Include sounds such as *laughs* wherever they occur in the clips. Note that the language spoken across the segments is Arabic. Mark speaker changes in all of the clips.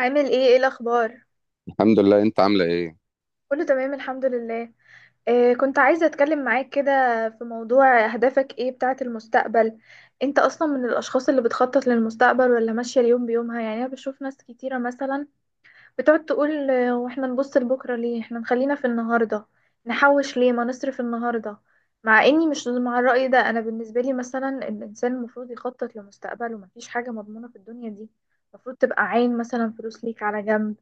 Speaker 1: عامل ايه الاخبار؟
Speaker 2: الحمد لله، انت عامله ايه؟
Speaker 1: كله تمام الحمد لله. آه، كنت عايزه اتكلم معاك كده في موضوع اهدافك ايه بتاعه المستقبل. انت اصلا من الاشخاص اللي بتخطط للمستقبل ولا ماشيه اليوم بيومها؟ يعني انا بشوف ناس كتيره مثلا بتقعد تقول واحنا نبص لبكرة ليه؟ احنا نخلينا في النهاردة، نحوش ليه؟ ما نصرف النهاردة. مع اني مش مع الرأي ده. انا بالنسبة لي مثلا الانسان المفروض يخطط لمستقبله، مفيش حاجة مضمونة في الدنيا دي. المفروض تبقى عين مثلا فلوس ليك على جنب.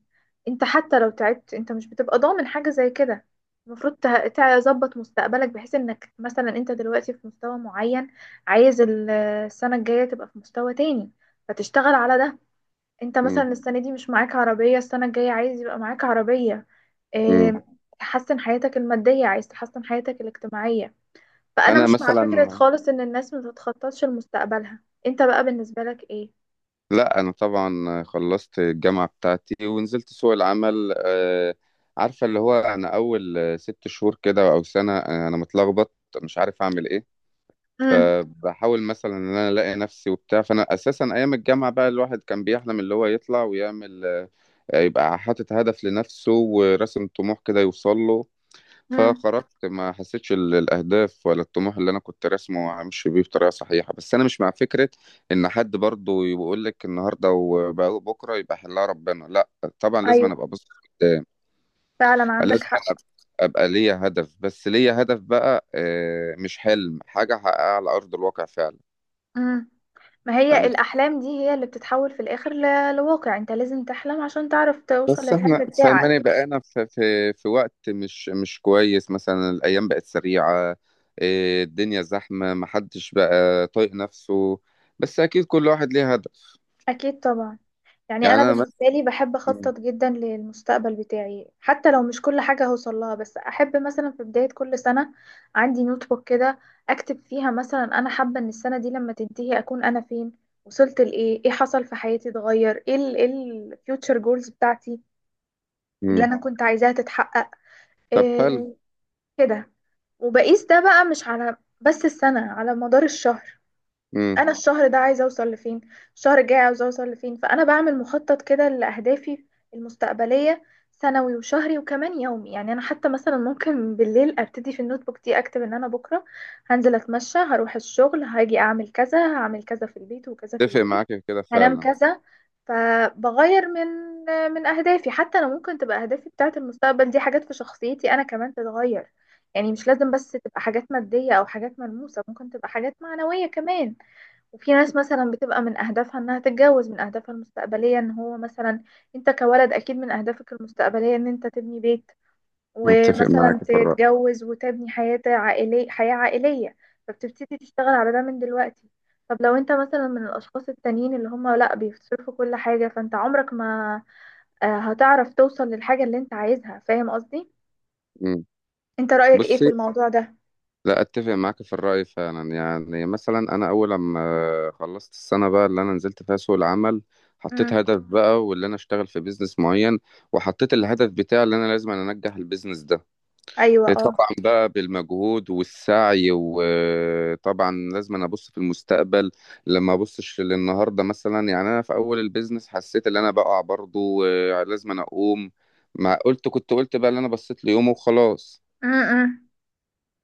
Speaker 1: انت حتى لو تعبت، انت مش بتبقى ضامن حاجة زي كده. المفروض تظبط مستقبلك بحيث انك مثلا انت دلوقتي في مستوى معين، عايز السنة الجاية تبقى في مستوى تاني، فتشتغل على ده. انت
Speaker 2: مم.
Speaker 1: مثلا السنة دي مش معاك عربية، السنة الجاية عايز يبقى معاك عربية.
Speaker 2: مم.
Speaker 1: اه، تحسن حياتك المادية، عايز تحسن حياتك الاجتماعية. فأنا
Speaker 2: انا
Speaker 1: مش مع
Speaker 2: مثلا
Speaker 1: فكرة خالص إن الناس ما تتخططش لمستقبلها. انت بقى بالنسبة لك ايه؟
Speaker 2: لا، انا طبعا خلصت الجامعه بتاعتي ونزلت سوق العمل. عارفه اللي هو انا اول 6 شهور كده او سنه، انا متلخبط مش عارف اعمل ايه.
Speaker 1: امم.
Speaker 2: فبحاول مثلا ان انا الاقي نفسي وبتاع، فانا اساسا ايام الجامعه بقى الواحد كان بيحلم اللي هو يطلع ويعمل، يبقى حاطط هدف لنفسه وراسم طموح كده يوصل له.
Speaker 1: امم.
Speaker 2: فخرجت ما حسيتش الاهداف ولا الطموح اللي انا كنت راسمه همشي بيه بطريقه صحيحه، بس انا مش مع فكره ان حد برضه يقول لك النهارده وبكره يبقى حلها ربنا، لا. طبعا لازم
Speaker 1: ايوه،
Speaker 2: أنا ابقى بص قدام.
Speaker 1: فعلا عندك
Speaker 2: لازم
Speaker 1: حق.
Speaker 2: أنا ابقى ليا هدف، بس ليا هدف بقى، مش حلم، حاجه احققها على ارض الواقع فعلا.
Speaker 1: امم. ما هي
Speaker 2: فاهم.
Speaker 1: الأحلام دي هي اللي بتتحول في الآخر لواقع. انت لازم تحلم عشان تعرف توصل
Speaker 2: بس احنا
Speaker 1: للحلم بتاعك.
Speaker 2: فاهماني بقينا في وقت مش كويس، مثلا الايام بقت سريعه، إيه، الدنيا زحمه محدش بقى طايق نفسه، بس اكيد كل واحد ليه هدف.
Speaker 1: أكيد طبعا. يعني
Speaker 2: يعني
Speaker 1: أنا
Speaker 2: انا مثلا.
Speaker 1: بالنسبة لي بحب أخطط جدا للمستقبل بتاعي، حتى لو مش كل حاجة هوصل لها، بس أحب مثلا في بداية كل سنة عندي نوت بوك كده أكتب فيها مثلا أنا حابة إن السنة دي لما تنتهي أكون أنا فين، وصلت لإيه، إيه حصل في حياتي، اتغير إيه، ال إيه الفيوتشر جولز بتاعتي اللي
Speaker 2: مم.
Speaker 1: أنا كنت عايزاها تتحقق،
Speaker 2: طب حلو.
Speaker 1: إيه كده. وبقيس ده بقى مش على بس السنة، على مدار الشهر.
Speaker 2: مم.
Speaker 1: انا الشهر ده عايزه اوصل لفين، الشهر الجاي عاوزه اوصل لفين. فانا بعمل مخطط كده لاهدافي المستقبليه، سنوي وشهري وكمان يومي. يعني انا حتى مثلا ممكن بالليل ابتدي في النوت بوك دي اكتب ان انا بكره هنزل اتمشى، هروح الشغل، هاجي اعمل كذا، هعمل كذا في البيت وكذا في
Speaker 2: اتفق
Speaker 1: البيت،
Speaker 2: معاك في كده
Speaker 1: هنام
Speaker 2: فعلا.
Speaker 1: كذا. فبغير من اهدافي حتى. انا ممكن تبقى اهدافي بتاعه المستقبل دي حاجات في شخصيتي انا كمان تتغير، يعني مش لازم بس تبقى حاجات ماديه او حاجات ملموسه، ممكن تبقى حاجات معنويه كمان. وفي ناس مثلا بتبقى من أهدافها إنها تتجوز، من أهدافها المستقبلية إن هو مثلا، أنت كولد، أكيد من أهدافك المستقبلية إن أنت تبني بيت
Speaker 2: متفق
Speaker 1: ومثلا
Speaker 2: معاك في الرأي.
Speaker 1: تتجوز وتبني حياة عائلية، حياة عائلية. فبتبتدي تشتغل على ده من دلوقتي. طب لو أنت مثلا من الأشخاص التانيين اللي هم لأ، بيصرفوا كل حاجة، فأنت عمرك ما هتعرف توصل للحاجة اللي أنت عايزها. فاهم قصدي؟
Speaker 2: مم.
Speaker 1: أنت رأيك إيه
Speaker 2: بص،
Speaker 1: في الموضوع ده؟
Speaker 2: لا اتفق معاك في الرأي فعلا. يعني مثلا انا اول لما خلصت السنة بقى اللي انا نزلت فيها سوق العمل حطيت
Speaker 1: امم.
Speaker 2: هدف بقى واللي انا اشتغل في بيزنس معين، وحطيت الهدف بتاعي اللي انا لازم انجح البيزنس ده.
Speaker 1: أيوه،
Speaker 2: إيه،
Speaker 1: أه.
Speaker 2: طبعا بقى بالمجهود والسعي، وطبعا لازم انا ابص في المستقبل، لما ابصش للنهارده مثلا. يعني انا في اول البيزنس حسيت ان انا بقع برضو، لازم انا اقوم. ما قلت كنت قلت بقى اللي انا بصيت ليومه وخلاص،
Speaker 1: امم.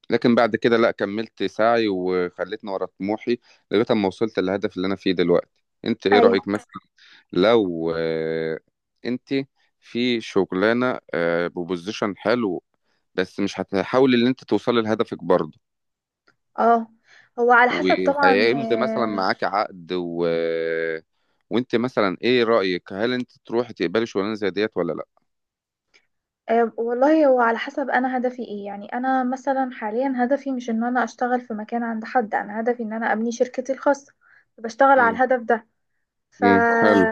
Speaker 2: لكن بعد كده لا كملت سعي وخلتني ورا طموحي لغاية ما وصلت للهدف اللي أنا فيه دلوقتي. أنت إيه
Speaker 1: أيوه،
Speaker 2: رأيك مثلا، لو أنت في شغلانة ببوزيشن حلو، بس مش هتحاولي ان انت توصلي لهدفك برضه،
Speaker 1: أه. هو على حسب طبعا.
Speaker 2: وهيمضي مثلا معاك عقد وانت مثلا ايه رأيك، هل انت تروحي تقبلي شغلانه زي ديت ولا لا؟
Speaker 1: أه، والله هو على حسب انا هدفي ايه. يعني انا مثلا حاليا هدفي مش ان انا اشتغل في مكان عند حد، انا هدفي ان انا ابني شركتي الخاصة، بشتغل على
Speaker 2: امم.
Speaker 1: الهدف ده.
Speaker 2: امم، حلو.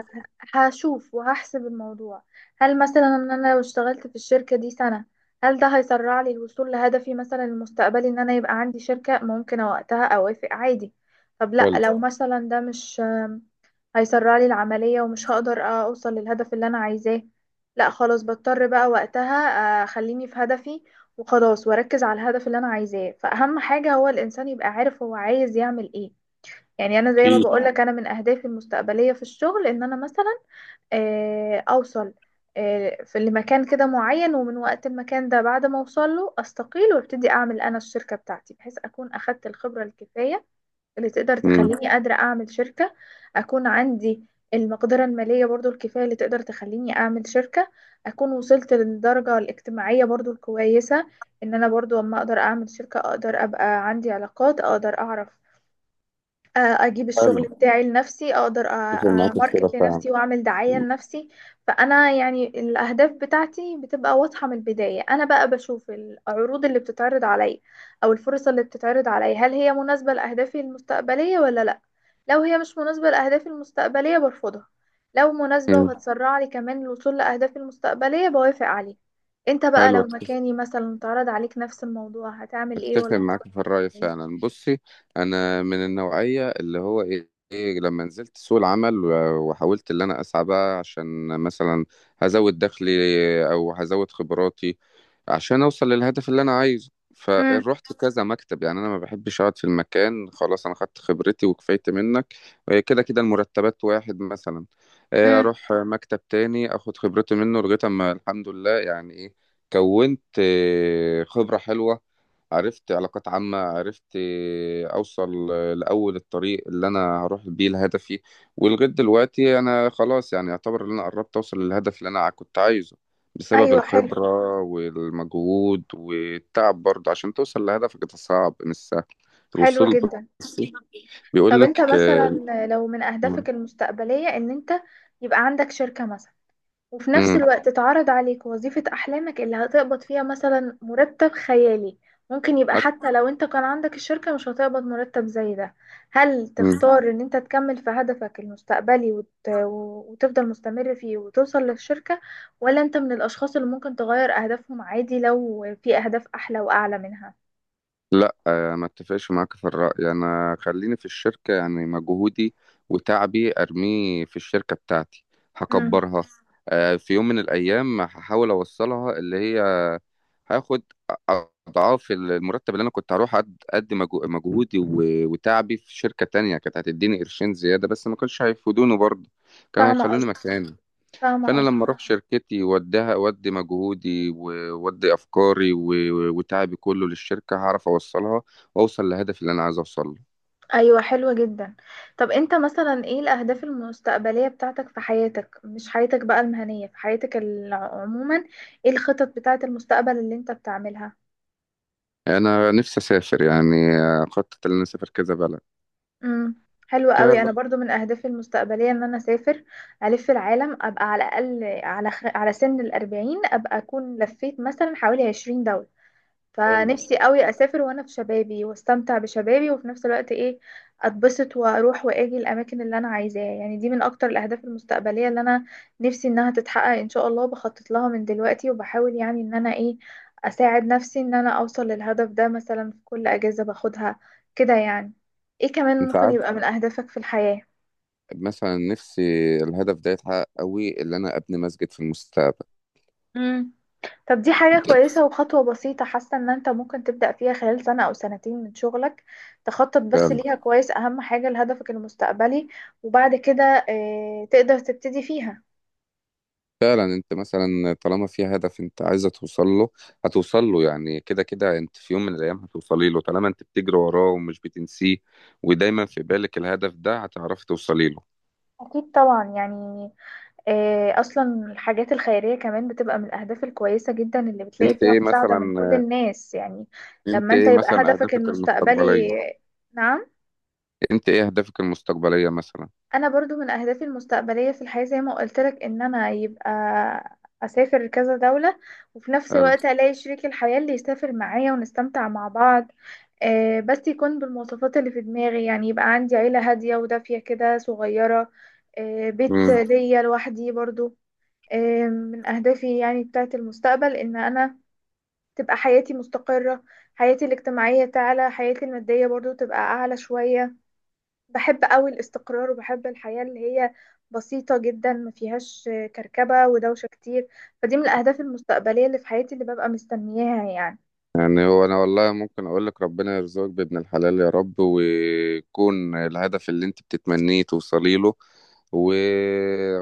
Speaker 1: فهشوف وهحسب الموضوع، هل مثلا ان انا لو اشتغلت في الشركة دي سنة، هل ده هيسرع لي الوصول لهدفي مثلا المستقبلي ان انا يبقى عندي شركة؟ ممكن وقتها اوافق عادي. طب لا،
Speaker 2: حلو.
Speaker 1: لو مثلا ده مش هيسرع لي العملية ومش هقدر اوصل للهدف اللي انا عايزاه، لا خلاص، بضطر بقى وقتها اخليني في هدفي وخلاص، واركز على الهدف اللي انا عايزاه. فاهم حاجة، هو الانسان يبقى عارف هو عايز يعمل ايه. يعني انا زي ما
Speaker 2: اكيد.
Speaker 1: بقولك، انا من اهدافي المستقبلية في الشغل ان انا مثلا اوصل في لمكان كده معين، ومن وقت المكان ده بعد ما اوصل له استقيل وابتدي اعمل انا الشركة بتاعتي، بحيث اكون اخدت الخبرة الكفاية اللي تقدر
Speaker 2: امم.
Speaker 1: تخليني قادرة أعمل شركة، أكون عندي المقدرة المالية برضو الكفاية اللي تقدر تخليني أعمل شركة، أكون وصلت للدرجة الاجتماعية برضو الكويسة إن أنا برضو أما أقدر أعمل شركة أقدر أبقى عندي علاقات، أقدر أعرف آه، اجيب
Speaker 2: حلو.
Speaker 1: الشغل بتاعي لنفسي، اقدر
Speaker 2: اتفق معاك في كده
Speaker 1: ماركت
Speaker 2: فعلا.
Speaker 1: لنفسي واعمل دعاية لنفسي. فانا يعني الاهداف بتاعتي بتبقى واضحة من البداية. انا بقى بشوف العروض اللي بتتعرض عليا او الفرص اللي بتتعرض عليا، هل هي مناسبة لاهدافي المستقبلية ولا لا. لو هي مش مناسبة لاهدافي المستقبلية برفضها، لو مناسبة
Speaker 2: امم.
Speaker 1: وهتسرع لي كمان الوصول لاهدافي المستقبلية بوافق عليها. انت بقى
Speaker 2: حلو.
Speaker 1: لو مكاني مثلا اتعرض عليك نفس الموضوع، هتعمل ايه؟
Speaker 2: اتفق
Speaker 1: ولا هتفكر؟
Speaker 2: معاك في الرأي
Speaker 1: إيه؟
Speaker 2: فعلا. بصي، انا من النوعية اللي هو ايه إيه لما نزلت سوق العمل وحاولت اللي انا اسعى بقى عشان مثلا هزود دخلي او هزود خبراتي عشان اوصل للهدف اللي انا عايزه.
Speaker 1: امم.
Speaker 2: فروحت كذا مكتب، يعني انا ما بحبش اقعد في المكان خلاص انا خدت خبرتي وكفايت منك. كده كده المرتبات واحد مثلا،
Speaker 1: امم.
Speaker 2: اروح مكتب تاني اخد خبرتي منه لغايه اما الحمد لله، يعني ايه، كونت خبره حلوه، عرفت علاقات عامة، عرفت أوصل لأول الطريق اللي أنا هروح بيه لهدفي. ولغاية دلوقتي أنا خلاص، يعني يعتبر إن أنا قربت أوصل للهدف اللي أنا كنت عايزه بسبب
Speaker 1: ايوه، حلو.
Speaker 2: الخبرة والمجهود والتعب، برضه عشان توصل لهدفك ده صعب مش سهل
Speaker 1: حلو
Speaker 2: الوصول.
Speaker 1: جدا.
Speaker 2: بس
Speaker 1: طب
Speaker 2: بيقول لك
Speaker 1: انت مثلا لو من اهدافك المستقبلية ان انت يبقى عندك شركة مثلا، وفي نفس
Speaker 2: مم.
Speaker 1: الوقت اتعرض عليك وظيفة احلامك اللي هتقبض فيها مثلا مرتب خيالي، ممكن يبقى حتى لو انت كان عندك الشركة مش هتقبض مرتب زي ده، هل
Speaker 2: أك-
Speaker 1: تختار ان انت تكمل في هدفك المستقبلي وتفضل مستمر فيه وتوصل للشركة، ولا انت من الاشخاص اللي ممكن تغير اهدافهم عادي لو في اهداف احلى واعلى منها؟
Speaker 2: ما اتفقش معاك في الرأي. انا خليني في الشركة، يعني مجهودي وتعبي ارميه في الشركة بتاعتي
Speaker 1: امم.
Speaker 2: هكبرها، في يوم من الايام هحاول اوصلها اللي هي هاخد اضعاف المرتب اللي انا كنت هروح ادي مجهودي وتعبي في شركة تانية كانت هتديني قرشين زيادة بس ما كانش هيفيدوني برضه، كانوا
Speaker 1: فاهمة
Speaker 2: هيخلوني
Speaker 1: قصدي؟
Speaker 2: مكاني.
Speaker 1: فاهمة
Speaker 2: فانا
Speaker 1: قصدي.
Speaker 2: لما اروح شركتي واديها اودي مجهودي وودي افكاري وتعبي كله للشركه هعرف اوصلها واوصل لهدفي اللي انا عايز اوصله.
Speaker 1: ايوه، حلوة جدا. طب انت مثلا ايه الاهداف المستقبلية بتاعتك في حياتك، مش حياتك بقى المهنية، في حياتك عموما؟ ايه الخطط بتاعت المستقبل اللي انت بتعملها؟
Speaker 2: انا نفسي اسافر، يعني خطط ان انا اسافر كذا بلد،
Speaker 1: امم. حلوة
Speaker 2: كذا
Speaker 1: قوي. انا
Speaker 2: بلد.
Speaker 1: برضو من اهدافي المستقبلية ان انا اسافر الف العالم، ابقى على الاقل على على سن 40 ابقى اكون لفيت مثلا حوالي 20 دولة.
Speaker 2: حلو.
Speaker 1: فنفسي قوي اسافر وانا في شبابي واستمتع بشبابي، وفي نفس الوقت ايه، اتبسط واروح واجي الاماكن اللي انا عايزاها. يعني دي من اكتر الاهداف المستقبليه اللي انا نفسي انها تتحقق ان شاء الله. بخطط لها من دلوقتي، وبحاول يعني ان انا ايه، اساعد نفسي ان انا اوصل للهدف ده مثلا في كل اجازه باخدها كده يعني. ايه كمان
Speaker 2: انت
Speaker 1: ممكن
Speaker 2: عارف،
Speaker 1: يبقى من اهدافك في الحياه؟
Speaker 2: مثلا نفسي الهدف ده يتحقق قوي، اللي انا ابني مسجد في المستقبل،
Speaker 1: مم. طب دي حاجة كويسة، وخطوة بسيطة حاسة ان انت ممكن تبدأ فيها خلال سنة او سنتين من شغلك. تخطط بس
Speaker 2: ده
Speaker 1: ليها كويس، اهم حاجة لهدفك المستقبلي، وبعد كده تقدر تبتدي فيها.
Speaker 2: فعلا. انت مثلا طالما في هدف انت عايزه توصل له هتوصل له، يعني كده كده انت في يوم من الايام هتوصلي له طالما انت بتجري وراه ومش بتنسيه، ودايما في بالك الهدف ده هتعرفي توصلي له.
Speaker 1: اكيد طبعا. يعني اصلا الحاجات الخيرية كمان بتبقى من الاهداف الكويسة جدا اللي بتلاقي
Speaker 2: انت
Speaker 1: فيها
Speaker 2: ايه
Speaker 1: مساعدة من كل
Speaker 2: مثلا،
Speaker 1: الناس يعني.
Speaker 2: انت
Speaker 1: لما انت
Speaker 2: ايه
Speaker 1: يبقى
Speaker 2: مثلا
Speaker 1: هدفك
Speaker 2: اهدافك المستقبليه،
Speaker 1: المستقبلي، نعم؟
Speaker 2: انت ايه اهدافك المستقبليه مثلا؟
Speaker 1: انا برضو من اهدافي المستقبليه في الحياه زي ما قلت لك، ان انا يبقى اسافر كذا دوله، وفي نفس
Speaker 2: قال-
Speaker 1: الوقت الاقي شريك الحياه اللي يسافر معايا ونستمتع مع بعض. بس يكون بالمواصفات اللي في دماغي، يعني يبقى عندي عيله هاديه ودافيه كده صغيره، بيت
Speaker 2: مم.
Speaker 1: ليا لوحدي برضو. من اهدافي يعني بتاعت المستقبل ان انا تبقى حياتي مستقره، حياتي الاجتماعيه تعلى، حياتي الماديه برضو تبقى اعلى شويه. بحب قوي الاستقرار، وبحب الحياة اللي هي بسيطة جدا، ما فيهاش كركبة ودوشة كتير. فدي من الأهداف المستقبلية اللي في حياتي اللي ببقى مستنياها يعني.
Speaker 2: يعني هو انا والله ممكن اقول لك ربنا يرزقك بابن الحلال يا رب، ويكون الهدف اللي انت بتتمنيه توصلي له و...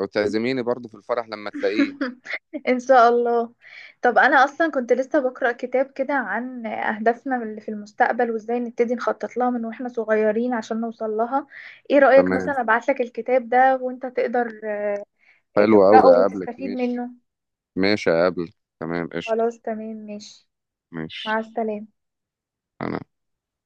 Speaker 2: وتعزميني برضو في الفرح لما تلاقيه.
Speaker 1: *laughs* إن شاء الله. طب أنا أصلا كنت لسه بقرأ كتاب كده عن أهدافنا اللي في المستقبل وإزاي نبتدي نخطط لها من وإحنا صغيرين عشان نوصل لها. إيه رأيك
Speaker 2: تمام.
Speaker 1: مثلا أبعتلك الكتاب ده وإنت تقدر
Speaker 2: حلو
Speaker 1: تقرأه
Speaker 2: أوي، أقابلك،
Speaker 1: وتستفيد
Speaker 2: ماشي.
Speaker 1: منه؟
Speaker 2: ماشي، أقابلك. تمام، قشطة.
Speaker 1: خلاص، تمام، ماشي. مع
Speaker 2: ماشي.
Speaker 1: السلامة.
Speaker 2: أنا